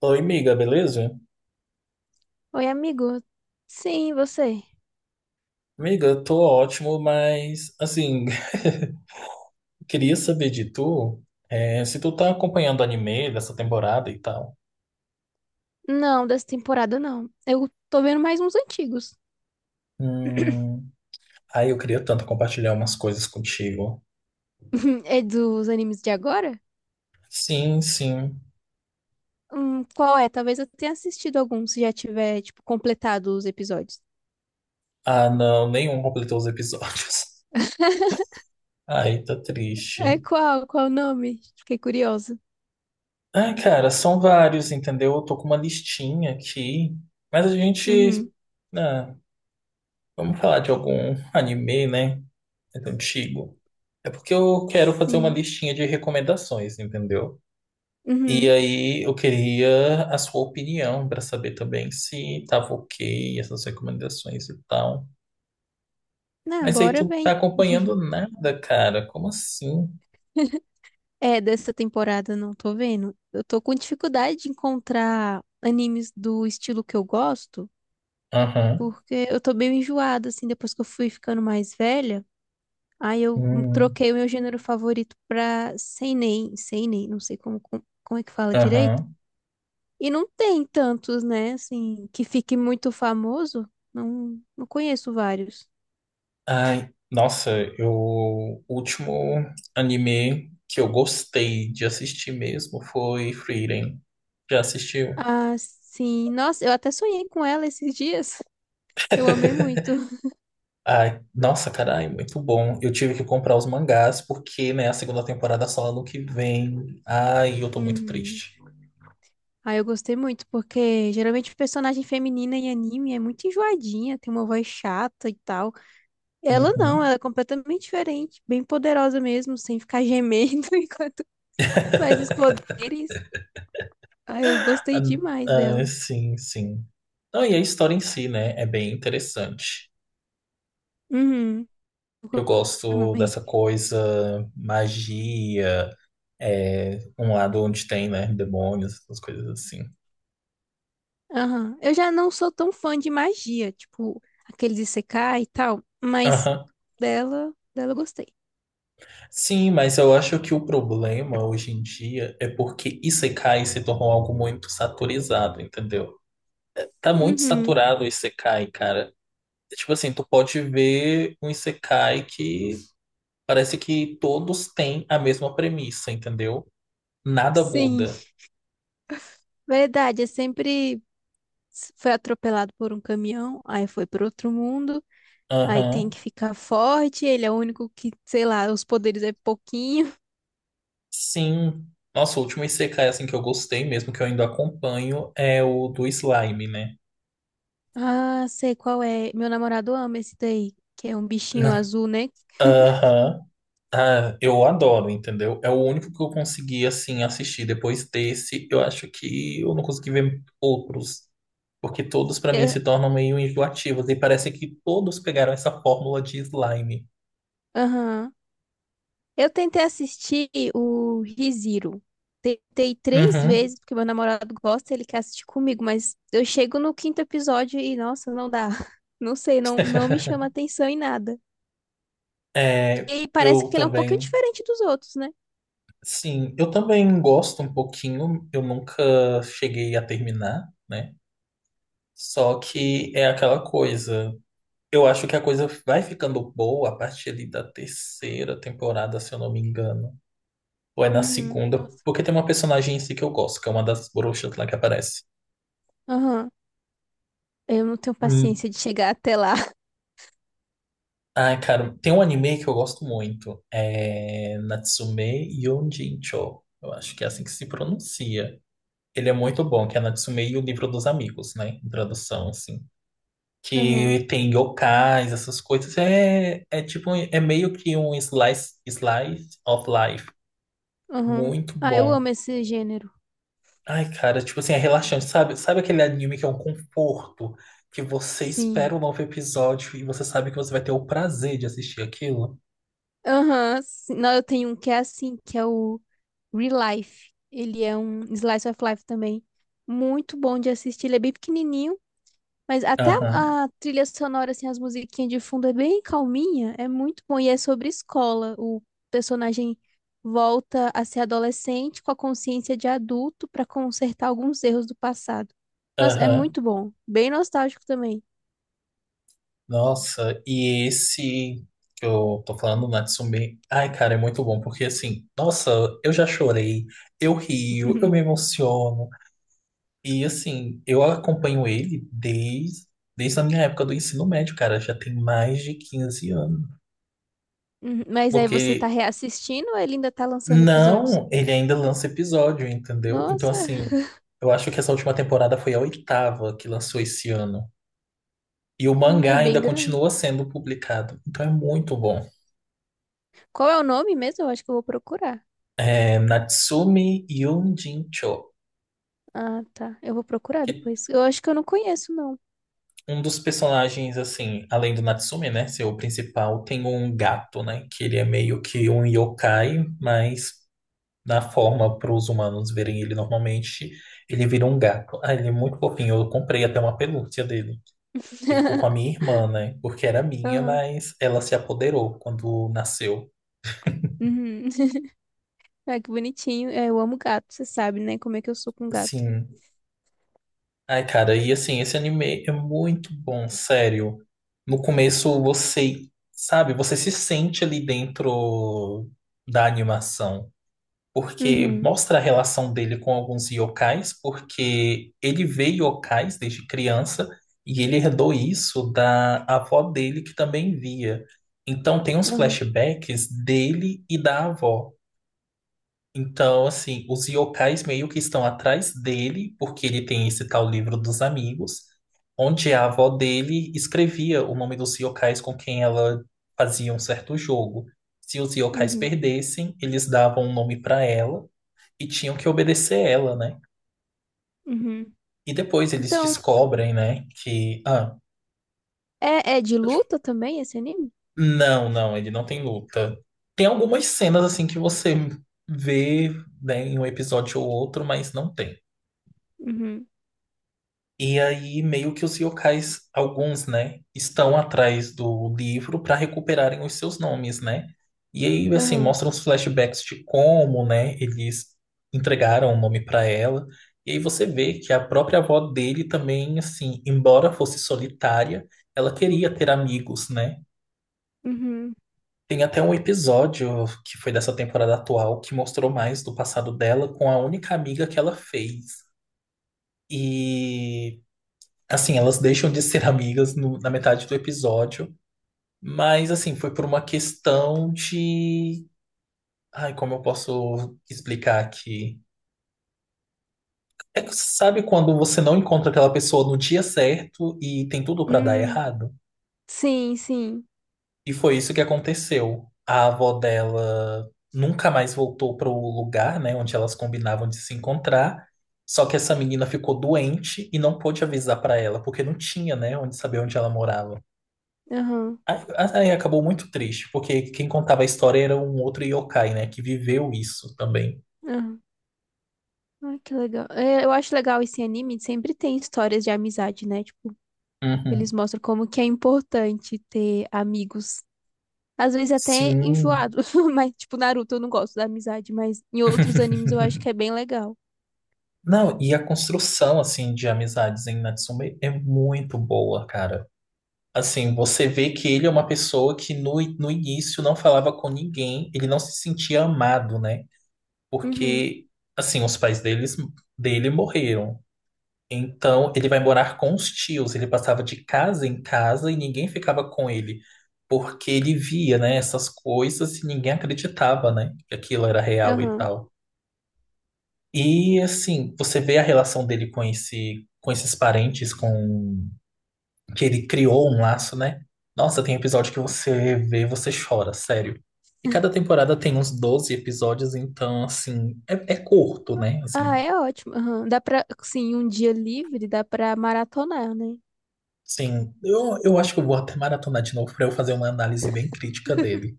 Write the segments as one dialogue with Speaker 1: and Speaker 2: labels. Speaker 1: Oi, miga, beleza?
Speaker 2: Oi, amigo. Sim, você?
Speaker 1: Miga, eu tô ótimo, mas assim, queria saber de tu, se tu tá acompanhando o anime dessa temporada e tal.
Speaker 2: Não, dessa temporada não. Eu tô vendo mais uns antigos.
Speaker 1: Hum, aí eu queria tanto compartilhar umas coisas contigo.
Speaker 2: É dos animes de agora?
Speaker 1: Sim, sim.
Speaker 2: Qual é? Talvez eu tenha assistido algum, se já tiver, tipo, completado os episódios.
Speaker 1: Ah, não, nenhum completou os episódios. Ai, tá
Speaker 2: É
Speaker 1: triste.
Speaker 2: qual? Qual o nome? Fiquei curiosa.
Speaker 1: Ah, cara, são vários, entendeu? Eu tô com uma listinha aqui, mas
Speaker 2: Uhum.
Speaker 1: ah, vamos falar de algum anime, né? Antigo. É porque eu quero fazer uma
Speaker 2: Sim.
Speaker 1: listinha de recomendações, entendeu? E
Speaker 2: Uhum.
Speaker 1: aí eu queria a sua opinião para saber também se tava ok essas recomendações e tal.
Speaker 2: Ah,
Speaker 1: Mas aí
Speaker 2: bora
Speaker 1: tu não tá
Speaker 2: vem.
Speaker 1: acompanhando nada, cara. Como assim?
Speaker 2: É, dessa temporada não tô vendo. Eu tô com dificuldade de encontrar animes do estilo que eu gosto,
Speaker 1: Aham.
Speaker 2: porque eu tô meio enjoada, assim, depois que eu fui ficando mais velha. Aí eu
Speaker 1: Hum.
Speaker 2: troquei o meu gênero favorito pra seinen, seinen, não sei como é que fala direito.
Speaker 1: Aham.
Speaker 2: E não tem tantos, né, assim, que fique muito famoso. Não, não conheço vários.
Speaker 1: Ai, nossa, eu o último anime que eu gostei de assistir mesmo foi Frieren. Já assistiu?
Speaker 2: Ah, sim. Nossa, eu até sonhei com ela esses dias. Eu amei muito.
Speaker 1: Ai, nossa, carai, muito bom. Eu tive que comprar os mangás porque, né, a segunda temporada só ano que vem. Ai, eu tô muito
Speaker 2: Uhum.
Speaker 1: triste.
Speaker 2: Ah, eu gostei muito, porque geralmente personagem feminina em anime é muito enjoadinha, tem uma voz chata e tal. Ela não,
Speaker 1: Uhum.
Speaker 2: ela é completamente diferente, bem poderosa mesmo, sem ficar gemendo enquanto. Mas os poderes, ah, eu
Speaker 1: Ah,
Speaker 2: gostei demais
Speaker 1: ah,
Speaker 2: dela.
Speaker 1: sim, sim. Não, e a história em si, né, é bem interessante.
Speaker 2: Uhum.
Speaker 1: Eu gosto
Speaker 2: Também.
Speaker 1: dessa coisa, magia, um lado onde tem, né, demônios, essas coisas assim.
Speaker 2: Aham. Eu já não sou tão fã de magia, tipo, aqueles Isekai e tal, mas
Speaker 1: Aham.
Speaker 2: dela eu gostei.
Speaker 1: Sim, mas eu acho que o problema hoje em dia é porque Isekai se tornou algo muito saturizado, entendeu? Tá muito
Speaker 2: Uhum.
Speaker 1: saturado o Isekai, cara. É. Tipo assim, tu pode ver um Isekai que parece que todos têm a mesma premissa, entendeu? Nada
Speaker 2: Sim.
Speaker 1: muda.
Speaker 2: Verdade, é sempre foi atropelado por um caminhão, aí foi para outro mundo, aí tem
Speaker 1: Aham.
Speaker 2: que ficar forte, ele é o único que, sei lá, os poderes é pouquinho.
Speaker 1: Sim. Nossa, o último Isekai assim que eu gostei mesmo, que eu ainda acompanho, é o do slime, né?
Speaker 2: Ah, sei qual é. Meu namorado ama esse daí, que é um bichinho azul, né?
Speaker 1: Aham. Ah, eu adoro, entendeu? É o único que eu consegui assim assistir. Depois desse, eu acho que eu não consegui ver outros. Porque todos, pra mim, se
Speaker 2: É-
Speaker 1: tornam meio enjoativos. E parece que todos pegaram essa fórmula de slime.
Speaker 2: Aham. Eu tentei assistir o ReZero. Tentei três
Speaker 1: Uhum.
Speaker 2: vezes, porque meu namorado gosta, ele quer assistir comigo, mas eu chego no quinto episódio e, nossa, não dá. Não sei, não, não me chama atenção em nada.
Speaker 1: É,
Speaker 2: E parece
Speaker 1: eu
Speaker 2: que ele é um pouquinho
Speaker 1: também.
Speaker 2: diferente dos outros, né?
Speaker 1: Sim, eu também gosto um pouquinho. Eu nunca cheguei a terminar, né? Só que é aquela coisa. Eu acho que a coisa vai ficando boa a partir ali da terceira temporada, se eu não me engano. Ou é na
Speaker 2: Uhum,
Speaker 1: segunda,
Speaker 2: nossa.
Speaker 1: porque tem uma personagem em si que eu gosto, que é uma das bruxas lá que aparece.
Speaker 2: Aham. Eu não tenho paciência de chegar até lá.
Speaker 1: Ai, cara, tem um anime que eu gosto muito. É Natsume Yonjincho. Eu acho que é assim que se pronuncia. Ele é muito bom, que é Natsume e o Livro dos Amigos, né? Em tradução, assim.
Speaker 2: Aham,
Speaker 1: Que tem yokais, essas coisas. É tipo, é meio que um slice of life.
Speaker 2: aham.
Speaker 1: Muito
Speaker 2: Ah, eu
Speaker 1: bom.
Speaker 2: amo esse gênero.
Speaker 1: Ai, cara, tipo assim, é relaxante, sabe? Sabe aquele anime que é um conforto? Que você
Speaker 2: Sim.
Speaker 1: espera um novo episódio e você sabe que você vai ter o prazer de assistir aquilo?
Speaker 2: Aham, sim. Não, eu tenho um que é assim, que é o Real Life. Ele é um slice of life também. Muito bom de assistir. Ele é bem pequenininho, mas até
Speaker 1: Aham.
Speaker 2: a trilha sonora, assim, as musiquinhas de fundo é bem calminha. É muito bom. E é sobre escola. O personagem volta a ser adolescente com a consciência de adulto para consertar alguns erros do passado. Nossa, é
Speaker 1: Aham.
Speaker 2: muito bom. Bem nostálgico também.
Speaker 1: Nossa, e esse que eu tô falando, Natsume, ai, cara, é muito bom, porque assim, nossa, eu já chorei, eu rio, eu me emociono, e assim, eu acompanho ele desde a minha época do ensino médio, cara, já tem mais de 15 anos.
Speaker 2: Uhum, Mas aí você tá
Speaker 1: Porque
Speaker 2: reassistindo ou ele ainda tá lançando episódios?
Speaker 1: não, ele ainda lança episódio, entendeu? Então,
Speaker 2: Nossa.
Speaker 1: assim, eu acho que essa última temporada foi a oitava que lançou esse ano. E o mangá
Speaker 2: É bem
Speaker 1: ainda
Speaker 2: grande.
Speaker 1: continua sendo publicado, então é muito bom.
Speaker 2: Qual é o nome mesmo? Eu acho que eu vou procurar.
Speaker 1: É, Natsume Yonjincho,
Speaker 2: Ah, tá. Eu vou procurar
Speaker 1: que
Speaker 2: depois. Eu acho que eu não conheço, não.
Speaker 1: um dos personagens, assim, além do Natsume, né, ser o principal, tem um gato, né, que ele é meio que um yokai, mas na forma para os humanos verem ele normalmente, ele vira um gato. Ah, ele é muito fofinho, eu comprei até uma pelúcia dele, que ficou com a minha irmã, né, porque era minha,
Speaker 2: Aham.
Speaker 1: mas ela se apoderou quando nasceu.
Speaker 2: Uhum. Ah, que bonitinho. É, eu amo gato, você sabe, né? Como é que eu sou com gato.
Speaker 1: Assim, ai, cara, e assim, esse anime é muito bom, sério. No começo você, sabe, você se sente ali dentro da animação, porque
Speaker 2: Uhum.
Speaker 1: mostra a relação dele com alguns yokais, porque ele vê yokais desde criança e ele herdou isso da avó dele que também via. Então tem uns
Speaker 2: Aham.
Speaker 1: flashbacks dele e da avó. Então, assim, os yokais meio que estão atrás dele, porque ele tem esse tal livro dos amigos, onde a avó dele escrevia o nome dos yokais com quem ela fazia um certo jogo. Se os yokais
Speaker 2: Uhum.
Speaker 1: perdessem, eles davam um nome para ela e tinham que obedecer ela, né?
Speaker 2: Uhum.
Speaker 1: E depois eles
Speaker 2: Então,
Speaker 1: descobrem, né, que... Ah,
Speaker 2: é de
Speaker 1: pode-
Speaker 2: luta também esse anime?
Speaker 1: não, não, ele não tem luta. Tem algumas cenas, assim, que você vê, né, em um episódio ou outro, mas não tem.
Speaker 2: Uhum.
Speaker 1: E aí, meio que os yokais, alguns, né, estão atrás do livro para recuperarem os seus nomes, né? E aí, assim,
Speaker 2: Aham.
Speaker 1: mostram os flashbacks de como, né, eles entregaram o nome para ela. E aí você vê que a própria avó dele também, assim, embora fosse solitária, ela queria ter amigos, né?
Speaker 2: Uhum.
Speaker 1: Tem até um episódio que foi dessa temporada atual que mostrou mais do passado dela com a única amiga que ela fez. E assim, elas deixam de ser amigas na metade do episódio, mas assim, foi por uma questão de. Ai, como eu posso explicar aqui? É que sabe quando você não encontra aquela pessoa no dia certo e tem tudo pra dar
Speaker 2: Hum.
Speaker 1: errado?
Speaker 2: Sim, sim.
Speaker 1: E foi isso que aconteceu. A avó dela nunca mais voltou pro lugar, né, onde elas combinavam de se encontrar. Só que essa menina ficou doente e não pôde avisar pra ela, porque não tinha, né, onde saber onde ela morava.
Speaker 2: Aham.
Speaker 1: Aí, aí acabou muito triste, porque quem contava a história era um outro yokai, né? Que viveu isso também.
Speaker 2: Aham. Ai, que legal. É, eu acho legal esse anime, sempre tem histórias de amizade, né? Tipo, eles
Speaker 1: Uhum.
Speaker 2: mostram como que é importante ter amigos. Às vezes até
Speaker 1: Sim.
Speaker 2: enjoado, mas tipo Naruto eu não gosto da amizade, mas em outros animes eu acho que é bem legal.
Speaker 1: Não, e a construção, assim, de amizades em Natsume é muito boa, cara. Assim, você vê que ele é uma pessoa que no início não falava com ninguém, ele não se sentia amado, né?
Speaker 2: Uhum.
Speaker 1: Porque, assim, dele morreram. Então, ele vai morar com os tios. Ele passava de casa em casa e ninguém ficava com ele, porque ele via, né, essas coisas e ninguém acreditava, né, que aquilo era real e
Speaker 2: Aham.
Speaker 1: tal. E assim, você vê a relação dele com com esses parentes, com que ele criou um laço, né? Nossa, tem episódio que você vê, você chora, sério. E cada temporada tem uns 12 episódios, então assim, é curto, né?
Speaker 2: Ah,
Speaker 1: Assim,
Speaker 2: é ótimo. Aham. Dá pra, sim, um dia livre dá pra maratonar, né?
Speaker 1: sim, eu acho que eu vou até maratonar de novo para eu fazer uma análise bem crítica dele.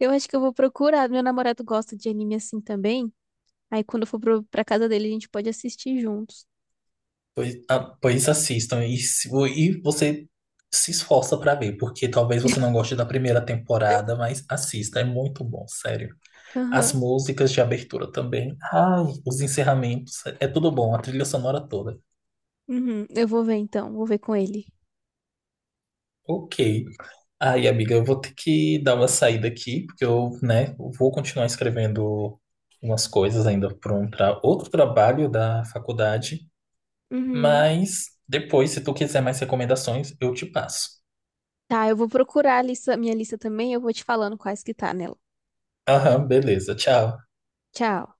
Speaker 2: Eu acho que eu vou procurar. Meu namorado gosta de anime assim também. Aí quando eu for pra casa dele, a gente pode assistir juntos.
Speaker 1: Pois, ah, pois assistam e você se esforça para ver, porque talvez você não goste da primeira temporada, mas assista, é muito bom, sério. As
Speaker 2: Aham.
Speaker 1: músicas de abertura também, ai, os encerramentos, é tudo bom, a trilha sonora toda.
Speaker 2: Uhum. Eu vou ver então, vou ver com ele.
Speaker 1: Ok. Aí, amiga, eu vou ter que dar uma saída aqui, porque eu, né, vou continuar escrevendo umas coisas ainda para outro trabalho da faculdade.
Speaker 2: Uhum.
Speaker 1: Mas depois, se tu quiser mais recomendações, eu te passo.
Speaker 2: Tá, eu vou procurar a lista, minha lista também, eu vou te falando quais que tá nela.
Speaker 1: Aham, beleza. Tchau.
Speaker 2: Tchau.